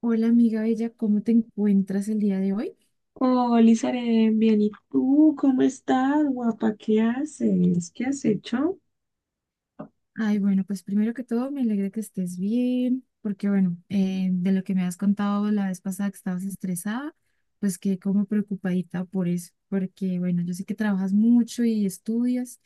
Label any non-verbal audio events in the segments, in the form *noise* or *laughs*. Hola amiga bella, ¿cómo te encuentras el día de hoy? Hola, Isaren, bien, ¿y tú cómo estás, guapa? ¿Qué haces? ¿Qué has hecho? Ay, bueno, pues primero que todo me alegra que estés bien, porque bueno, de lo que me has contado la vez pasada que estabas estresada, pues quedé como preocupadita por eso, porque bueno, yo sé que trabajas mucho y estudias,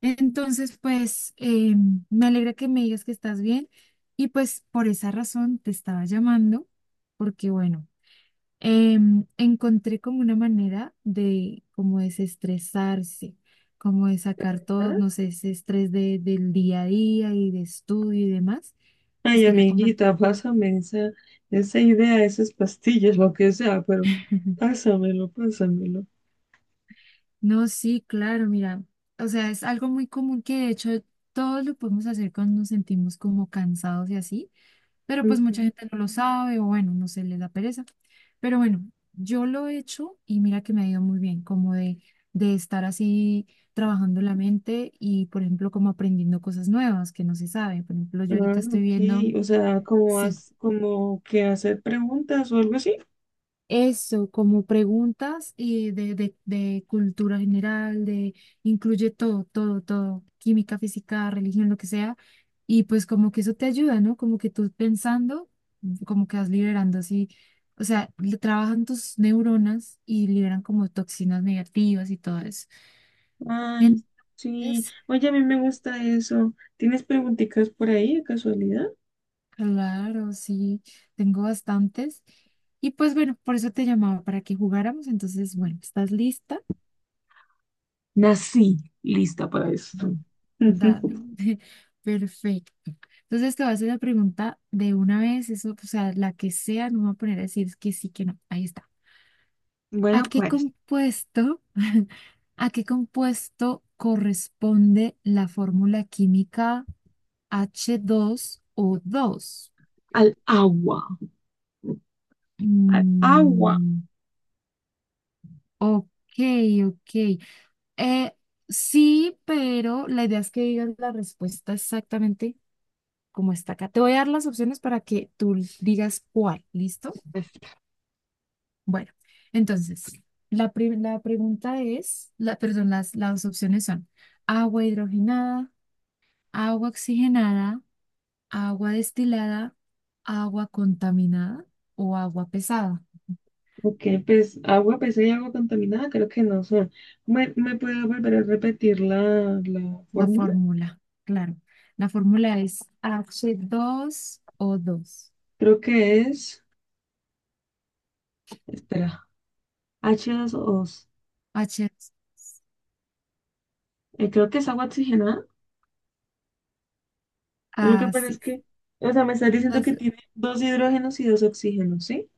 entonces pues me alegra que me digas que estás bien y pues por esa razón te estaba llamando, porque bueno. Encontré como una manera de como desestresarse, como de sacar todo, ¿Ah? no sé, ese estrés del día a día y de estudio y demás, pues Ay, quería amiguita, compartirlo. pásame esa, esa idea, esas pastillas, lo que sea, pero *laughs* pásamelo, pásamelo. No, sí, claro, mira, o sea, es algo muy común que de hecho todos lo podemos hacer cuando nos sentimos como cansados y así. Pero pues Ujú. mucha gente no lo sabe o bueno, no sé, les da pereza. Pero bueno, yo lo he hecho y mira que me ha ido muy bien, como de estar así trabajando la mente y, por ejemplo, como aprendiendo cosas nuevas que no se sabe. Por ejemplo, yo Ah, ahorita estoy ok, viendo, o sea, como, sí, has, como que hacer preguntas o algo así. eso, como preguntas y de cultura general, de incluye todo, todo, todo, química, física, religión, lo que sea, y pues como que eso te ayuda, ¿no? Como que tú pensando, como que vas liberando así, o sea, le trabajan tus neuronas y liberan como toxinas negativas y todo eso. Ay, sí. Entonces, Oye, a mí me gusta eso. ¿Tienes preguntitas por ahí de casualidad? claro, sí, tengo bastantes. Y pues bueno, por eso te llamaba, para que jugáramos, entonces, bueno, ¿estás lista? Nací lista para Ah, esto. dale, *laughs* *laughs* perfecto. Entonces te voy a hacer la pregunta de una vez, eso, o sea, la que sea, no me voy a poner a decir que sí, que no. Ahí está. ¿A Bueno, qué pues, compuesto, *laughs* a qué compuesto corresponde la fórmula química h dos o dos. al agua. Al agua. Mm, ok, ok. Eh, sí, pero la idea es que digas la respuesta exactamente como está acá. Te voy a dar las opciones para que tú digas cuál, ¿listo? Bestia. Bueno, entonces, la pregunta es, la, perdón, las opciones son agua hidrogenada, agua oxigenada, agua destilada, agua contaminada o agua pesada. Ok, pues agua, pues hay agua contaminada, creo que no son. ¿Me puede volver a repetir la La fórmula? fórmula, claro. La fórmula es h dos o dos. Creo que es. Espera, h dos O. H 2. Creo que es agua oxigenada. Lo que pasa es Así que, o sea, me estás diciendo es. que tiene dos hidrógenos y dos oxígenos, ¿sí?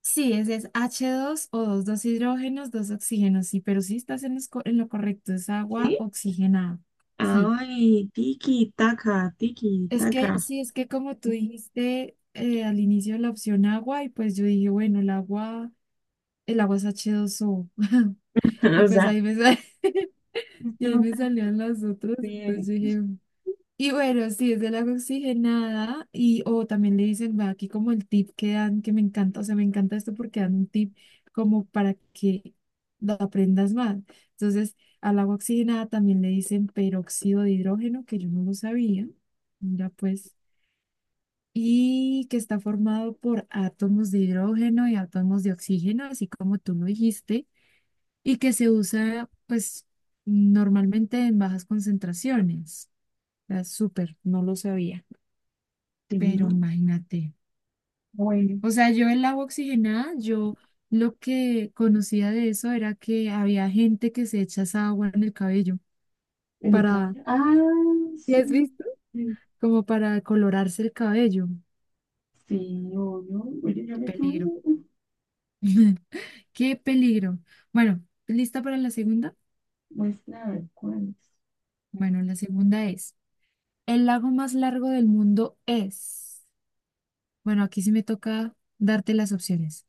Sí, ese es H2 o dos, dos hidrógenos, dos oxígenos, sí, pero sí estás en lo correcto, es agua ¿Sí? oxigenada. Sí, Ay, tiki, taca, tiki, taca. Sí, es que como tú dijiste al inicio la opción agua, y pues yo dije, bueno, el agua es H2O, *laughs* *laughs* y O pues sea, ahí *laughs* es y que ahí no me te salían las otras, entonces bien. yo dije, y bueno, sí, es del agua oxigenada y o también le dicen, va aquí como el tip que dan, que me encanta, o sea, me encanta esto porque dan un tip como para que lo aprendas más. Entonces, al agua oxigenada también le dicen peróxido de hidrógeno, que yo no lo sabía, mira pues, y que está formado por átomos de hidrógeno y átomos de oxígeno, así como tú lo dijiste, y que se usa pues normalmente en bajas concentraciones. O sea, súper, no lo sabía. Sí, Pero imagínate, bueno, o sea, yo el agua oxigenada, yo lo que conocía de eso era que había gente que se echa esa agua en el cabello en el para, cabello. Ah, ¿Sí sí, has sí, visto? sí. Como para colorarse el cabello. Sí, obvio. Oye, yo Qué me quedo. peligro. *laughs* Qué peligro. Bueno, ¿lista para la segunda? Muestra a ver cuál es. Bueno, la segunda es, el lago más largo del mundo es. Bueno, aquí sí me toca darte las opciones.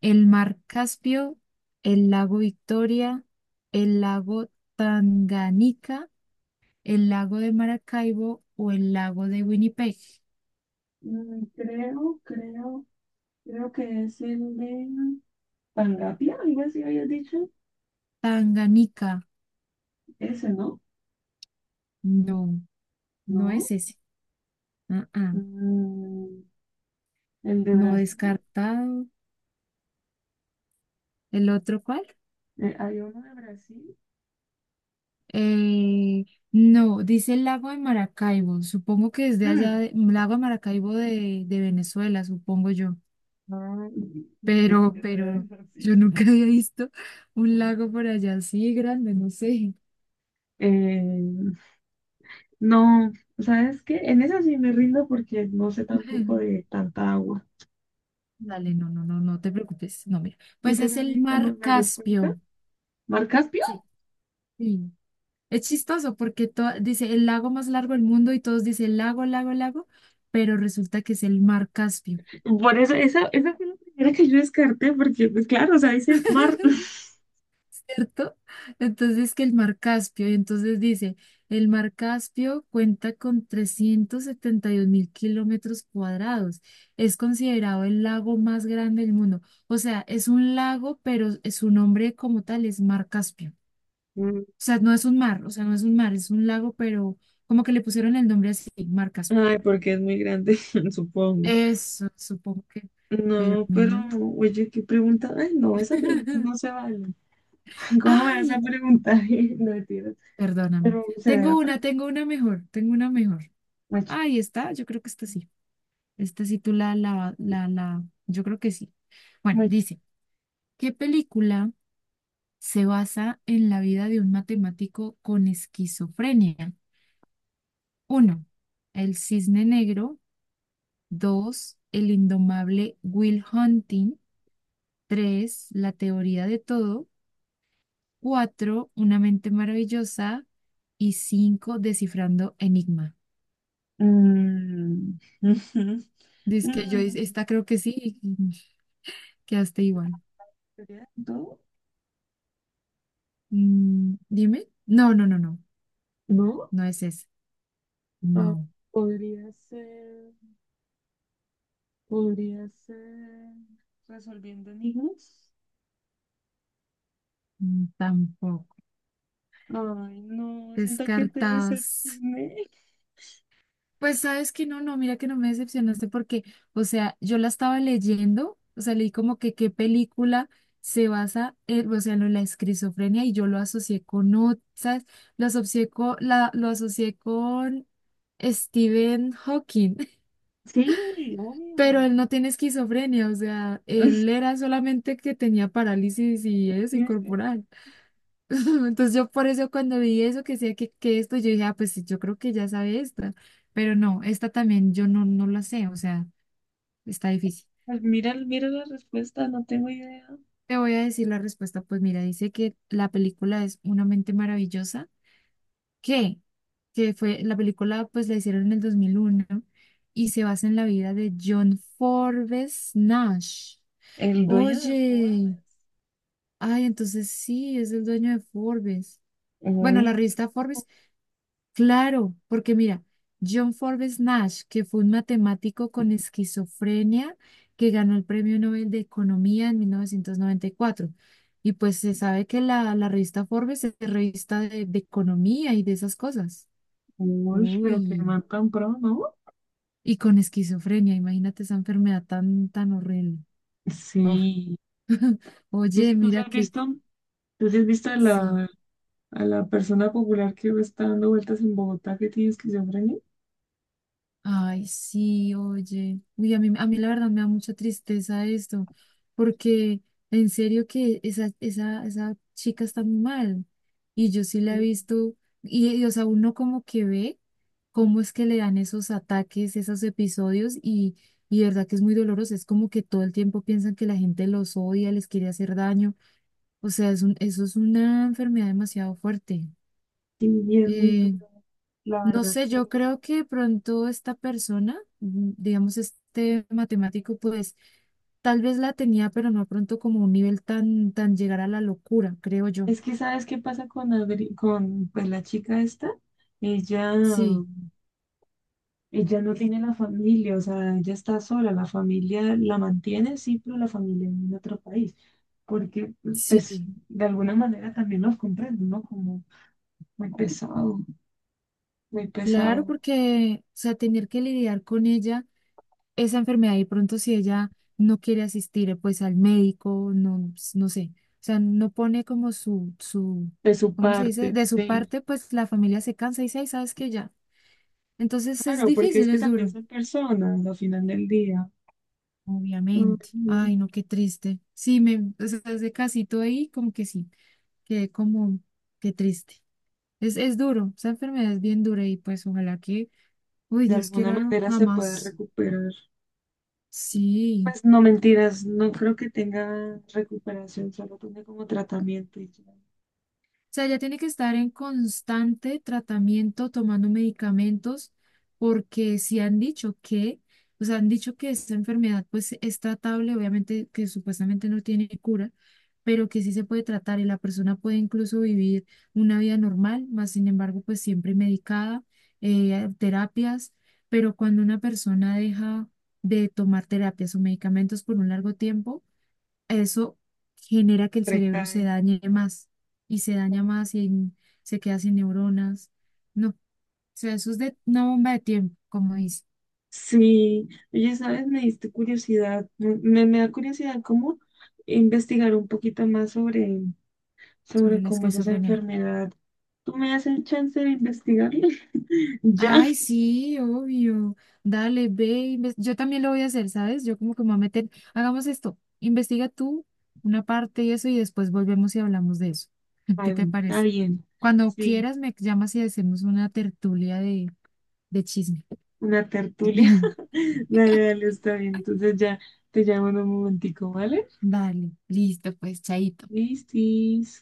El mar Caspio, el lago Victoria, el lago Tanganica, el lago de Maracaibo o el lago de Winnipeg. Mm, creo, creo, creo que es el de Pangapia, algo así habías dicho. Tanganica, Ese, ¿no? no, no ¿No? es ese. Ah, ah, Mm, el de no Brasil. descartado. ¿El otro cuál? Hay uno de Brasil. Eh, no, dice el lago de Maracaibo. Supongo que es de allá, Mm. Lago de Maracaibo de Venezuela, supongo yo. Ay, pensé Pero, que ese era de pero yo Brasil. nunca había visto un lago por allá así grande, no sé. Eh, no, ¿sabes qué? En esa sí me rindo porque no sé *laughs* tampoco Dale, de tanta agua. no, no, no, no te preocupes. No, mira. Si Pues te es el sale como mar la respuesta, Caspio. ¿mar Caspio? Sí. Sí. Es chistoso porque dice el lago más largo del mundo y todos dicen lago, lago, lago, pero resulta que es el mar Caspio. Por eso, esa fue la primera que yo descarté porque, pues claro, o sea, dice mar. *laughs* *laughs* ¿Cierto? Entonces que el mar Caspio, y entonces dice, el mar Caspio cuenta con 372.000 kilómetros cuadrados, es considerado el lago más grande del mundo, o sea, es un lago, pero su nombre como tal es mar Caspio, Mm, o sea, no es un mar, o sea, no es un mar, es un lago, pero como que le pusieron el nombre así, Mar Caspio. ay, porque es muy grande, *laughs* supongo. Eso, supongo que, pero No, pero, mira. oye, ¿qué pregunta? Ay, no, esa pregunta *laughs* no se vale. *laughs* ¿Cómo me vas a Ay, preguntar? *laughs* No, mentira. perdóname. Pero se ve la Tengo una, pregunta. tengo una mejor, tengo una mejor. Mucha, Ahí está, yo creo que esta sí. Esta sí tú la, yo creo que sí. Bueno, mucha. dice, ¿qué película se basa en la vida de un matemático con esquizofrenia? Uno, El Cisne Negro. Dos, el indomable Will Hunting. Tres, la teoría de todo. Cuatro, una mente maravillosa. Y cinco, descifrando enigma. Mm, *laughs* ujú. Dice que yo, Mm, esta creo que sí, y quedaste igual. ¿sería todo? Mm, dime. No, no, no, no. ¿No? No es ese. Ah, No, podría ser, podría ser resolviendo enigmas. Tampoco. Ay, no, siento que te Descartas. decepcioné. Pues sabes que no, no, mira que no me decepcionaste porque, o sea, yo la estaba leyendo, o sea, leí como que qué película se basa en, o sea, en lo de la esquizofrenia y yo lo asocié con otras, lo asocié con Stephen Hawking, *laughs* Sí, pero obvio. él no tiene esquizofrenia, o sea, él *laughs* era solamente que tenía parálisis y eso, y Tienes que... corporal. *laughs* Entonces yo por eso cuando vi eso, que sé que esto, yo dije, ah, pues sí, yo creo que ya sabe esta, pero no, esta también yo no la sé, o sea, está difícil. Pues mira, mira la respuesta, no tengo idea. Te voy a decir la respuesta, pues mira, dice que la película es Una mente maravillosa, que, que fue, la película pues la hicieron en el 2001 y se basa en la vida de John Forbes Nash. El dueño de Oye, Forbes. ay, entonces sí, es el dueño de Forbes. Bueno, Uy, la qué... revista Forbes. Claro, porque mira, John Forbes Nash, que fue un matemático con esquizofrenia que ganó el Premio Nobel de Economía en 1994. Y cuatro. Y pues se sabe que la revista Forbes es revista de economía y de esas cosas. Uy, pero qué Uy, man tan pro, ¿no? y con esquizofrenia, imagínate esa enfermedad tan, tan horrible. Oh. Sí. *laughs* ¿Y Oye, si tú sí mira has que visto, tú sí has visto sí. A la persona popular que está dando vueltas en Bogotá que tiene esquizofrenia? Ay, sí, oye. Uy, a mí la verdad me da mucha tristeza esto, porque en serio que esa chica está muy mal. Y yo sí la he visto, y, o sea, uno como que ve cómo es que le dan esos ataques, esos episodios, y de verdad que es muy doloroso. Es como que todo el tiempo piensan que la gente los odia, les quiere hacer daño. O sea, eso es una enfermedad demasiado fuerte. Sí, y es muy Eh, duro, la no verdad. sé, yo Que... creo que de pronto esta persona, digamos este matemático, pues tal vez la tenía, pero no pronto como un nivel tan llegar a la locura, creo yo. Es que, ¿sabes qué pasa con, Adri- con pues, la chica esta? Ella Sí, Ella no tiene la familia, o sea, ella está sola, la familia la mantiene, sí, pero la familia en otro país, porque pues sí, de alguna manera también los comprendo, ¿no? Como muy pesado, muy claro, pesado porque, o sea, tener que lidiar con ella, esa enfermedad, y pronto si ella no quiere asistir, pues al médico, no, no sé, o sea, no pone como de su ¿cómo se dice? parte, De su sí. parte, pues la familia se cansa y dice, ay, ¿sabes que ya? Entonces es Claro, porque es difícil, que es también duro. son personas al final del día. Obviamente. Ujú. Ay, no, qué triste. Sí, o sea, ese casito ahí, como que sí, quedé como, qué triste. Es duro, esa enfermedad es bien dura y pues ojalá que, uy, De Dios alguna quiera manera se puede jamás. recuperar. Sí, Pues no mentiras, no creo que tenga recuperación, solo tiene como tratamiento y ya sea, ella tiene que estar en constante tratamiento, tomando medicamentos, porque sí han dicho que, o sea, han dicho que esta enfermedad pues es tratable, obviamente que supuestamente no tiene cura, pero que sí se puede tratar y la persona puede incluso vivir una vida normal, más sin embargo pues siempre medicada, terapias, pero cuando una persona deja de tomar terapias o medicamentos por un largo tiempo, eso genera que el cerebro se recae. dañe más y se daña más y se queda sin neuronas. No, o sea, eso es de una bomba de tiempo, como dice, Sí, oye, ¿sabes? Me diste curiosidad, me da curiosidad cómo investigar un poquito más sobre, sobre sobre la cómo es esa esquizofrenia. enfermedad. ¿Tú me das el chance de investigarlo? *laughs* Ya. Ay, sí, obvio. Dale, ve, yo también lo voy a hacer, ¿sabes? Yo como que me voy a meter, hagamos esto, investiga tú una parte y eso y después volvemos y hablamos de eso. *laughs* Ay, ¿Qué te bueno, está parece? bien. Cuando Sí, quieras me llamas y hacemos una tertulia de chisme. una tertulia. *laughs* *laughs* Dale, dale, está bien. Entonces ya te llamo en un momentico, ¿vale? Dale, listo, pues, chaito. Listis.